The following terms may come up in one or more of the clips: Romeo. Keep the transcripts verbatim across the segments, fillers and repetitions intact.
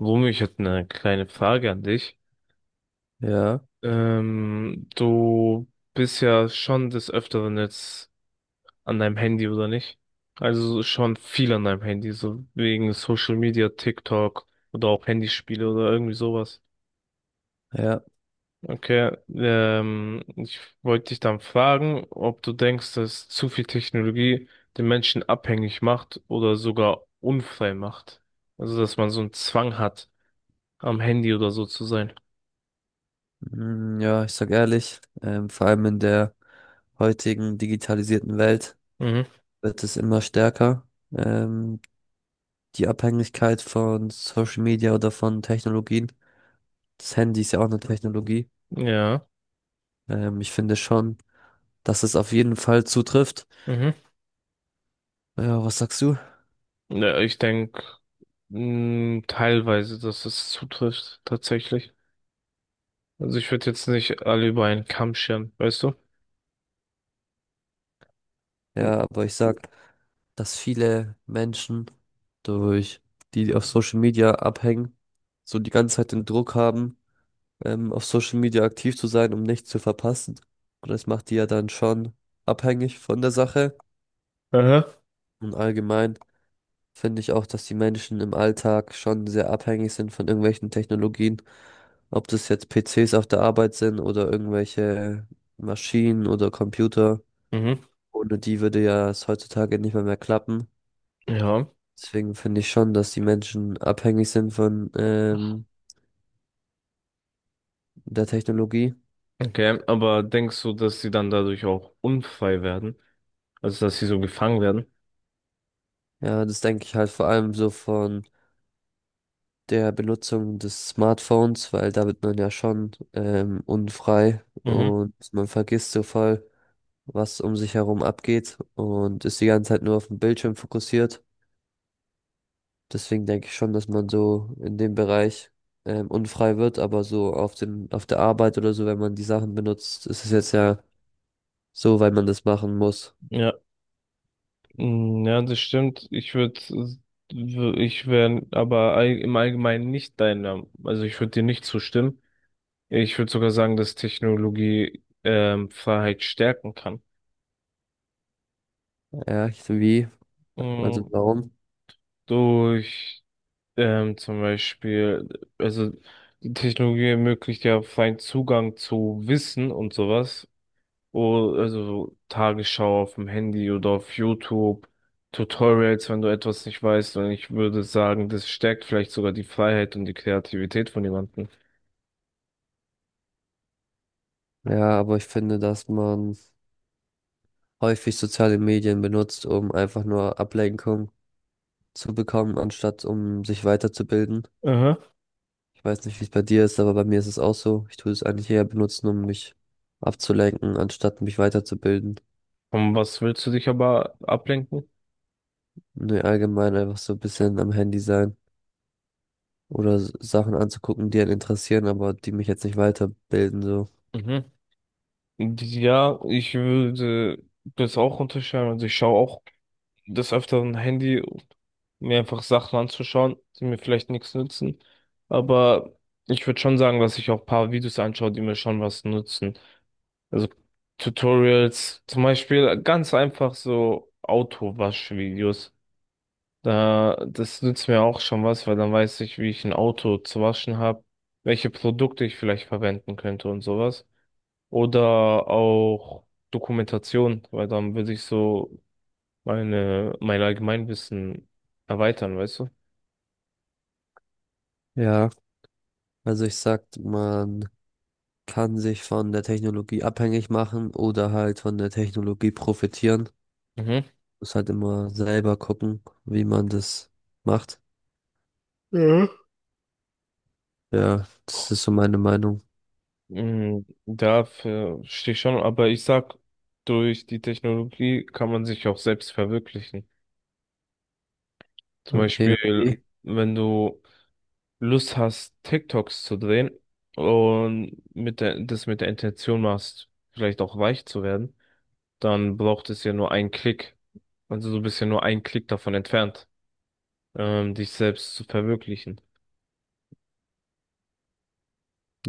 Romeo, ich hätte eine kleine Frage an dich. Ja, Ähm, du bist ja schon des Öfteren jetzt an deinem Handy, oder nicht? Also so schon viel an deinem Handy, so wegen Social Media, TikTok oder auch Handyspiele oder irgendwie sowas. ja, Okay, ähm, ich wollte dich dann fragen, ob du denkst, dass zu viel Technologie den Menschen abhängig macht oder sogar unfrei macht. Also, dass man so einen Zwang hat, am Handy oder so zu sein. mm, ja, ich sag ehrlich, ähm, vor allem in der heutigen digitalisierten Welt Mhm. wird es immer stärker, ähm, die Abhängigkeit von Social Media oder von Technologien. Das Handy ist ja auch eine Technologie. Ja. Ähm, ich finde schon, dass es auf jeden Fall zutrifft. Mhm. Ja, was sagst du? Ja, ich denke, teilweise, dass es zutrifft, tatsächlich. Also ich würde jetzt nicht alle über einen Kamm scheren, weißt du? N- Ja, aber ich sag, dass viele Menschen durch die, die auf Social Media abhängen, so die ganze Zeit den Druck haben ähm, auf Social Media aktiv zu sein, um nichts zu verpassen. Und das macht die ja dann schon abhängig von der Sache. Aha. Und allgemein finde ich auch, dass die Menschen im Alltag schon sehr abhängig sind von irgendwelchen Technologien. Ob das jetzt P Cs auf der Arbeit sind oder irgendwelche Maschinen oder Computer. Mhm. Ohne die würde ja es heutzutage nicht mal mehr klappen. Ja. Deswegen finde ich schon, dass die Menschen abhängig sind von ähm, der Technologie. Okay, aber denkst du, dass sie dann dadurch auch unfrei werden? Also dass sie so gefangen werden? Ja, das denke ich halt vor allem so von der Benutzung des Smartphones, weil da wird man ja schon ähm, unfrei Mhm. und man vergisst so voll, was um sich herum abgeht und ist die ganze Zeit nur auf den Bildschirm fokussiert. Deswegen denke ich schon, dass man so in dem Bereich ähm, unfrei wird, aber so auf dem, auf der Arbeit oder so, wenn man die Sachen benutzt, ist es jetzt ja so, weil man das machen muss. Ja. Mm, ja, das stimmt. Ich würde, ich wäre aber all, im Allgemeinen nicht deiner, also ich würde dir nicht zustimmen. Ich würde sogar sagen, dass Technologie ähm, Freiheit stärken kann. Ja, ich- wie? Also Mm, warum? durch ähm, zum Beispiel, also die Technologie ermöglicht ja freien Zugang zu Wissen und sowas. Oh, also so Tagesschau auf dem Handy oder auf YouTube, Tutorials, wenn du etwas nicht weißt. Und ich würde sagen, das stärkt vielleicht sogar die Freiheit und die Kreativität von jemandem. Ja, aber ich finde, dass man häufig soziale Medien benutzt, um einfach nur Ablenkung zu bekommen, anstatt um sich weiterzubilden. Aha. Ich weiß nicht, wie es bei dir ist, aber bei mir ist es auch so. Ich tue es eigentlich eher benutzen, um mich abzulenken, anstatt mich weiterzubilden. Und was willst du dich aber ablenken? Nee, allgemein einfach so ein bisschen am Handy sein oder s- Sachen anzugucken, die einen interessieren, aber die mich jetzt nicht weiterbilden, so. Mhm. Ja, ich würde das auch unterschreiben. Also ich schaue auch des Öfteren Handy, um mir einfach Sachen anzuschauen, die mir vielleicht nichts nützen. Aber ich würde schon sagen, dass ich auch ein paar Videos anschaue, die mir schon was nutzen. Also Tutorials, zum Beispiel ganz einfach so Autowaschvideos. Da, das nützt mir auch schon was, weil dann weiß ich, wie ich ein Auto zu waschen habe, welche Produkte ich vielleicht verwenden könnte und sowas. Oder auch Dokumentation, weil dann würde ich so meine, mein Allgemeinwissen erweitern, weißt du? Ja, also ich sag, man kann sich von der Technologie abhängig machen oder halt von der Technologie profitieren. Mhm. Muss halt immer selber gucken, wie man das macht. Ja. Ja, das ist so meine Meinung. Mm, dafür stehe ich schon, aber ich sag, durch die Technologie kann man sich auch selbst verwirklichen. Zum Okay, Beispiel, okay. wenn du Lust hast, TikToks zu drehen und mit der, das mit der Intention machst, vielleicht auch reich zu werden, dann braucht es ja nur einen Klick. Also du bist ja nur einen Klick davon entfernt, ähm, dich selbst zu verwirklichen.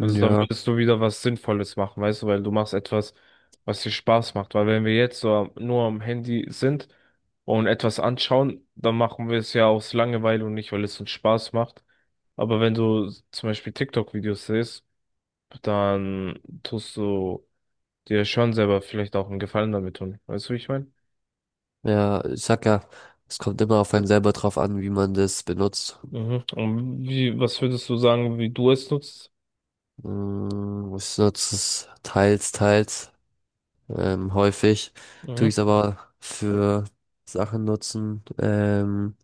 Also dann würdest du wieder was Sinnvolles machen, weißt du, weil du machst etwas, was dir Spaß macht. Weil wenn wir jetzt so am- nur am Handy sind und etwas anschauen, dann machen wir es ja aus Langeweile und nicht, weil es uns Spaß macht. Aber wenn du s- zum Beispiel TikTok-Videos siehst, dann tust du dir schon selber vielleicht auch einen Gefallen damit tun. Weißt du, wie ich meine? ja, ich sag ja, es kommt immer auf einen selber drauf an, wie man das benutzt. Mhm. Und wie, was würdest du sagen, wie du es nutzt? Mm, ich nutze es teils, teils, ähm, häufig. Tue ich Mhm. es aber für Sachen nutzen, ähm,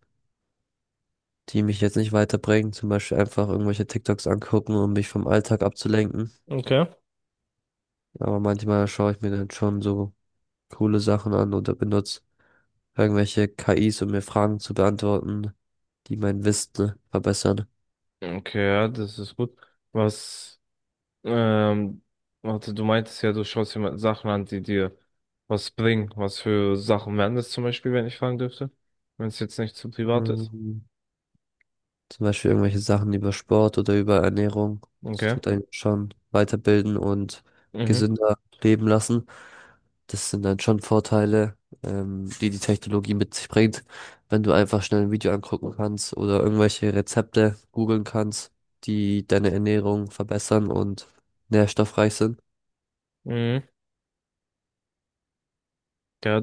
die mich jetzt nicht weiterbringen. Zum Beispiel einfach irgendwelche TikToks angucken, um mich vom Alltag abzulenken. Okay. Aber manchmal schaue ich mir dann schon so coole Sachen an oder benutze irgendwelche K Is, um mir Fragen zu beantworten, die mein Wissen verbessern. Okay, ja, das ist gut. Was Ähm, warte, du meintest ja, du schaust dir mal Sachen an, die dir was bringen. Was für Sachen wären das zum Beispiel, wenn ich fragen dürfte? Wenn es jetzt nicht zu privat ist. Ähm, Zum Beispiel irgendwelche Sachen über Sport oder über Ernährung. Das Okay. tut einen schon weiterbilden und Mhm. gesünder leben lassen. Das sind dann schon Vorteile, ähm, die die Technologie mit sich bringt, wenn du einfach schnell ein Video angucken kannst oder irgendwelche Rezepte googeln kannst, die deine Ernährung verbessern und nährstoffreich sind. Mhm. Ja,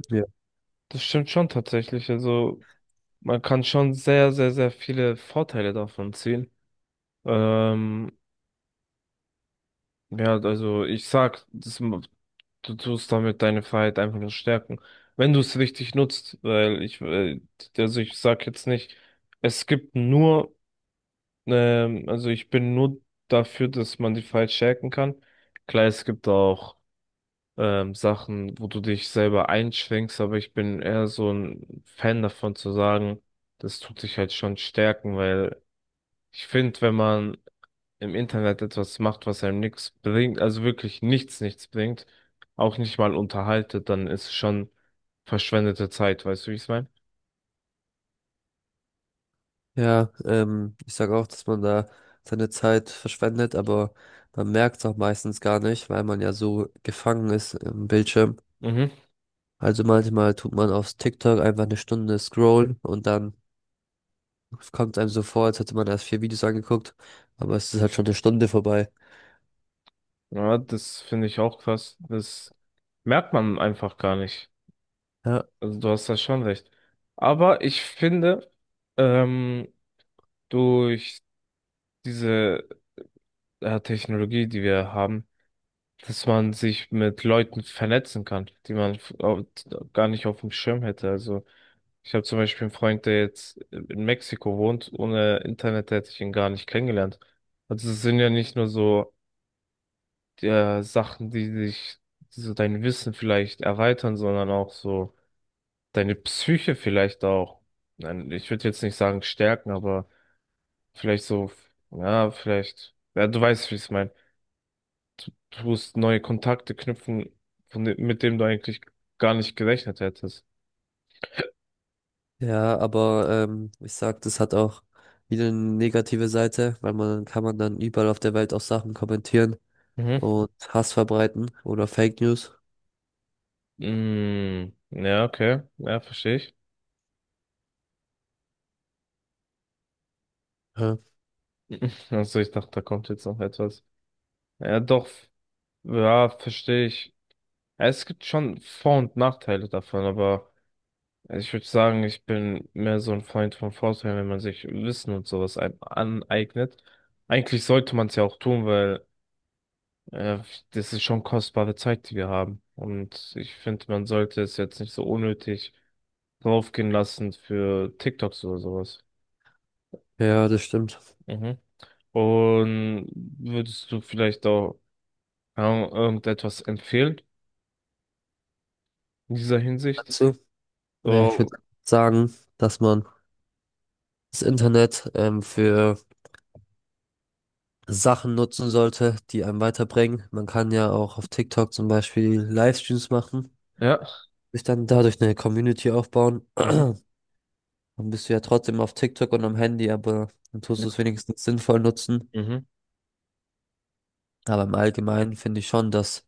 das stimmt schon tatsächlich. Also, man kann schon sehr, sehr, sehr viele Vorteile davon ziehen. Ähm, ja, also ich sag, das, m- du tust damit deine Freiheit einfach nur stärken. Wenn du es richtig nutzt, weil ich, äh, also ich sag jetzt nicht, es gibt nur Ähm, also ich bin nur dafür, dass man die Files stärken kann. Klar, es gibt auch ähm, Sachen, wo du dich selber einschränkst, aber ich bin eher so ein Fan davon zu sagen, das tut dich halt schon stärken, weil ich finde, wenn man im Internet etwas macht, was einem nichts bringt, also wirklich nichts, nichts bringt, auch nicht mal unterhaltet, dann ist es schon verschwendete Zeit, weißt du, wie ich es meine? Ja, ähm, ich sage auch, dass man da seine Zeit verschwendet, aber man merkt es auch meistens gar nicht, weil man ja so gefangen ist im Bildschirm. Mhm. Also manchmal tut man auf TikTok einfach eine Stunde scrollen und dann kommt einem so vor, als hätte man erst vier Videos angeguckt, aber es ist halt schon eine Stunde vorbei. Ja, das finde ich auch krass. Das merkt man einfach gar nicht. Ja, Also du hast da schon recht. Aber ich finde, ähm, durch diese äh, Technologie, die wir haben, dass man sich mit Leuten vernetzen kann, die man f- au- gar nicht auf dem Schirm hätte. Also ich habe zum Beispiel einen Freund, der jetzt in Mexiko wohnt. Ohne Internet hätte ich ihn gar nicht kennengelernt. Also es sind ja nicht nur so äh, Sachen, die dich, die so dein Wissen vielleicht erweitern, sondern auch so deine Psyche vielleicht auch, nein, ich würde jetzt nicht sagen stärken, aber vielleicht so, ja, vielleicht, ja, du weißt, wie ich es meine. Du musst neue Kontakte knüpfen, von, dem- mit dem du eigentlich gar nicht gerechnet hättest. ja, aber ähm, ich sag, das hat auch wieder eine negative Seite, weil man kann man dann überall auf der Welt auch Sachen kommentieren Mhm. und Hass verbreiten oder Fake News. Mm, ja, okay, ja, verstehe ich. Ja, Also ich dachte, da kommt jetzt noch etwas. Ja, doch, ja, verstehe ich. Ja, es gibt schon Vor- und Nachteile davon, aber also ich würde sagen, ich bin mehr so ein Freund von Vorteilen, wenn man sich Wissen und sowas ein- aneignet. Eigentlich sollte man es ja auch tun, weil äh, das ist schon kostbare Zeit, die wir haben. Und ich finde, man sollte es jetzt nicht so unnötig draufgehen lassen für TikToks oder sowas. ja, das stimmt. Mhm. Und würdest du vielleicht auch keine Ahnung, irgendetwas empfehlen in dieser Hinsicht? Naja, ich würde So, sagen, dass man das Internet ähm, für Sachen nutzen sollte, die einem weiterbringen. Man kann ja auch auf TikTok zum Beispiel Livestreams machen, ja. sich dann dadurch eine Community aufbauen. Mhm. Dann bist du ja trotzdem auf TikTok und am Handy, aber dann tust Ja. du es wenigstens sinnvoll nutzen. Mhm. Aber im Allgemeinen finde ich schon, dass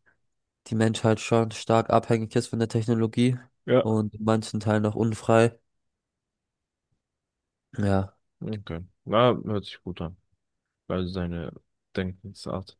die Menschheit schon stark abhängig ist von der Technologie Ja. und in manchen Teilen auch unfrei. Ja. Okay. Na, hört sich gut an. Weil seine Denkensart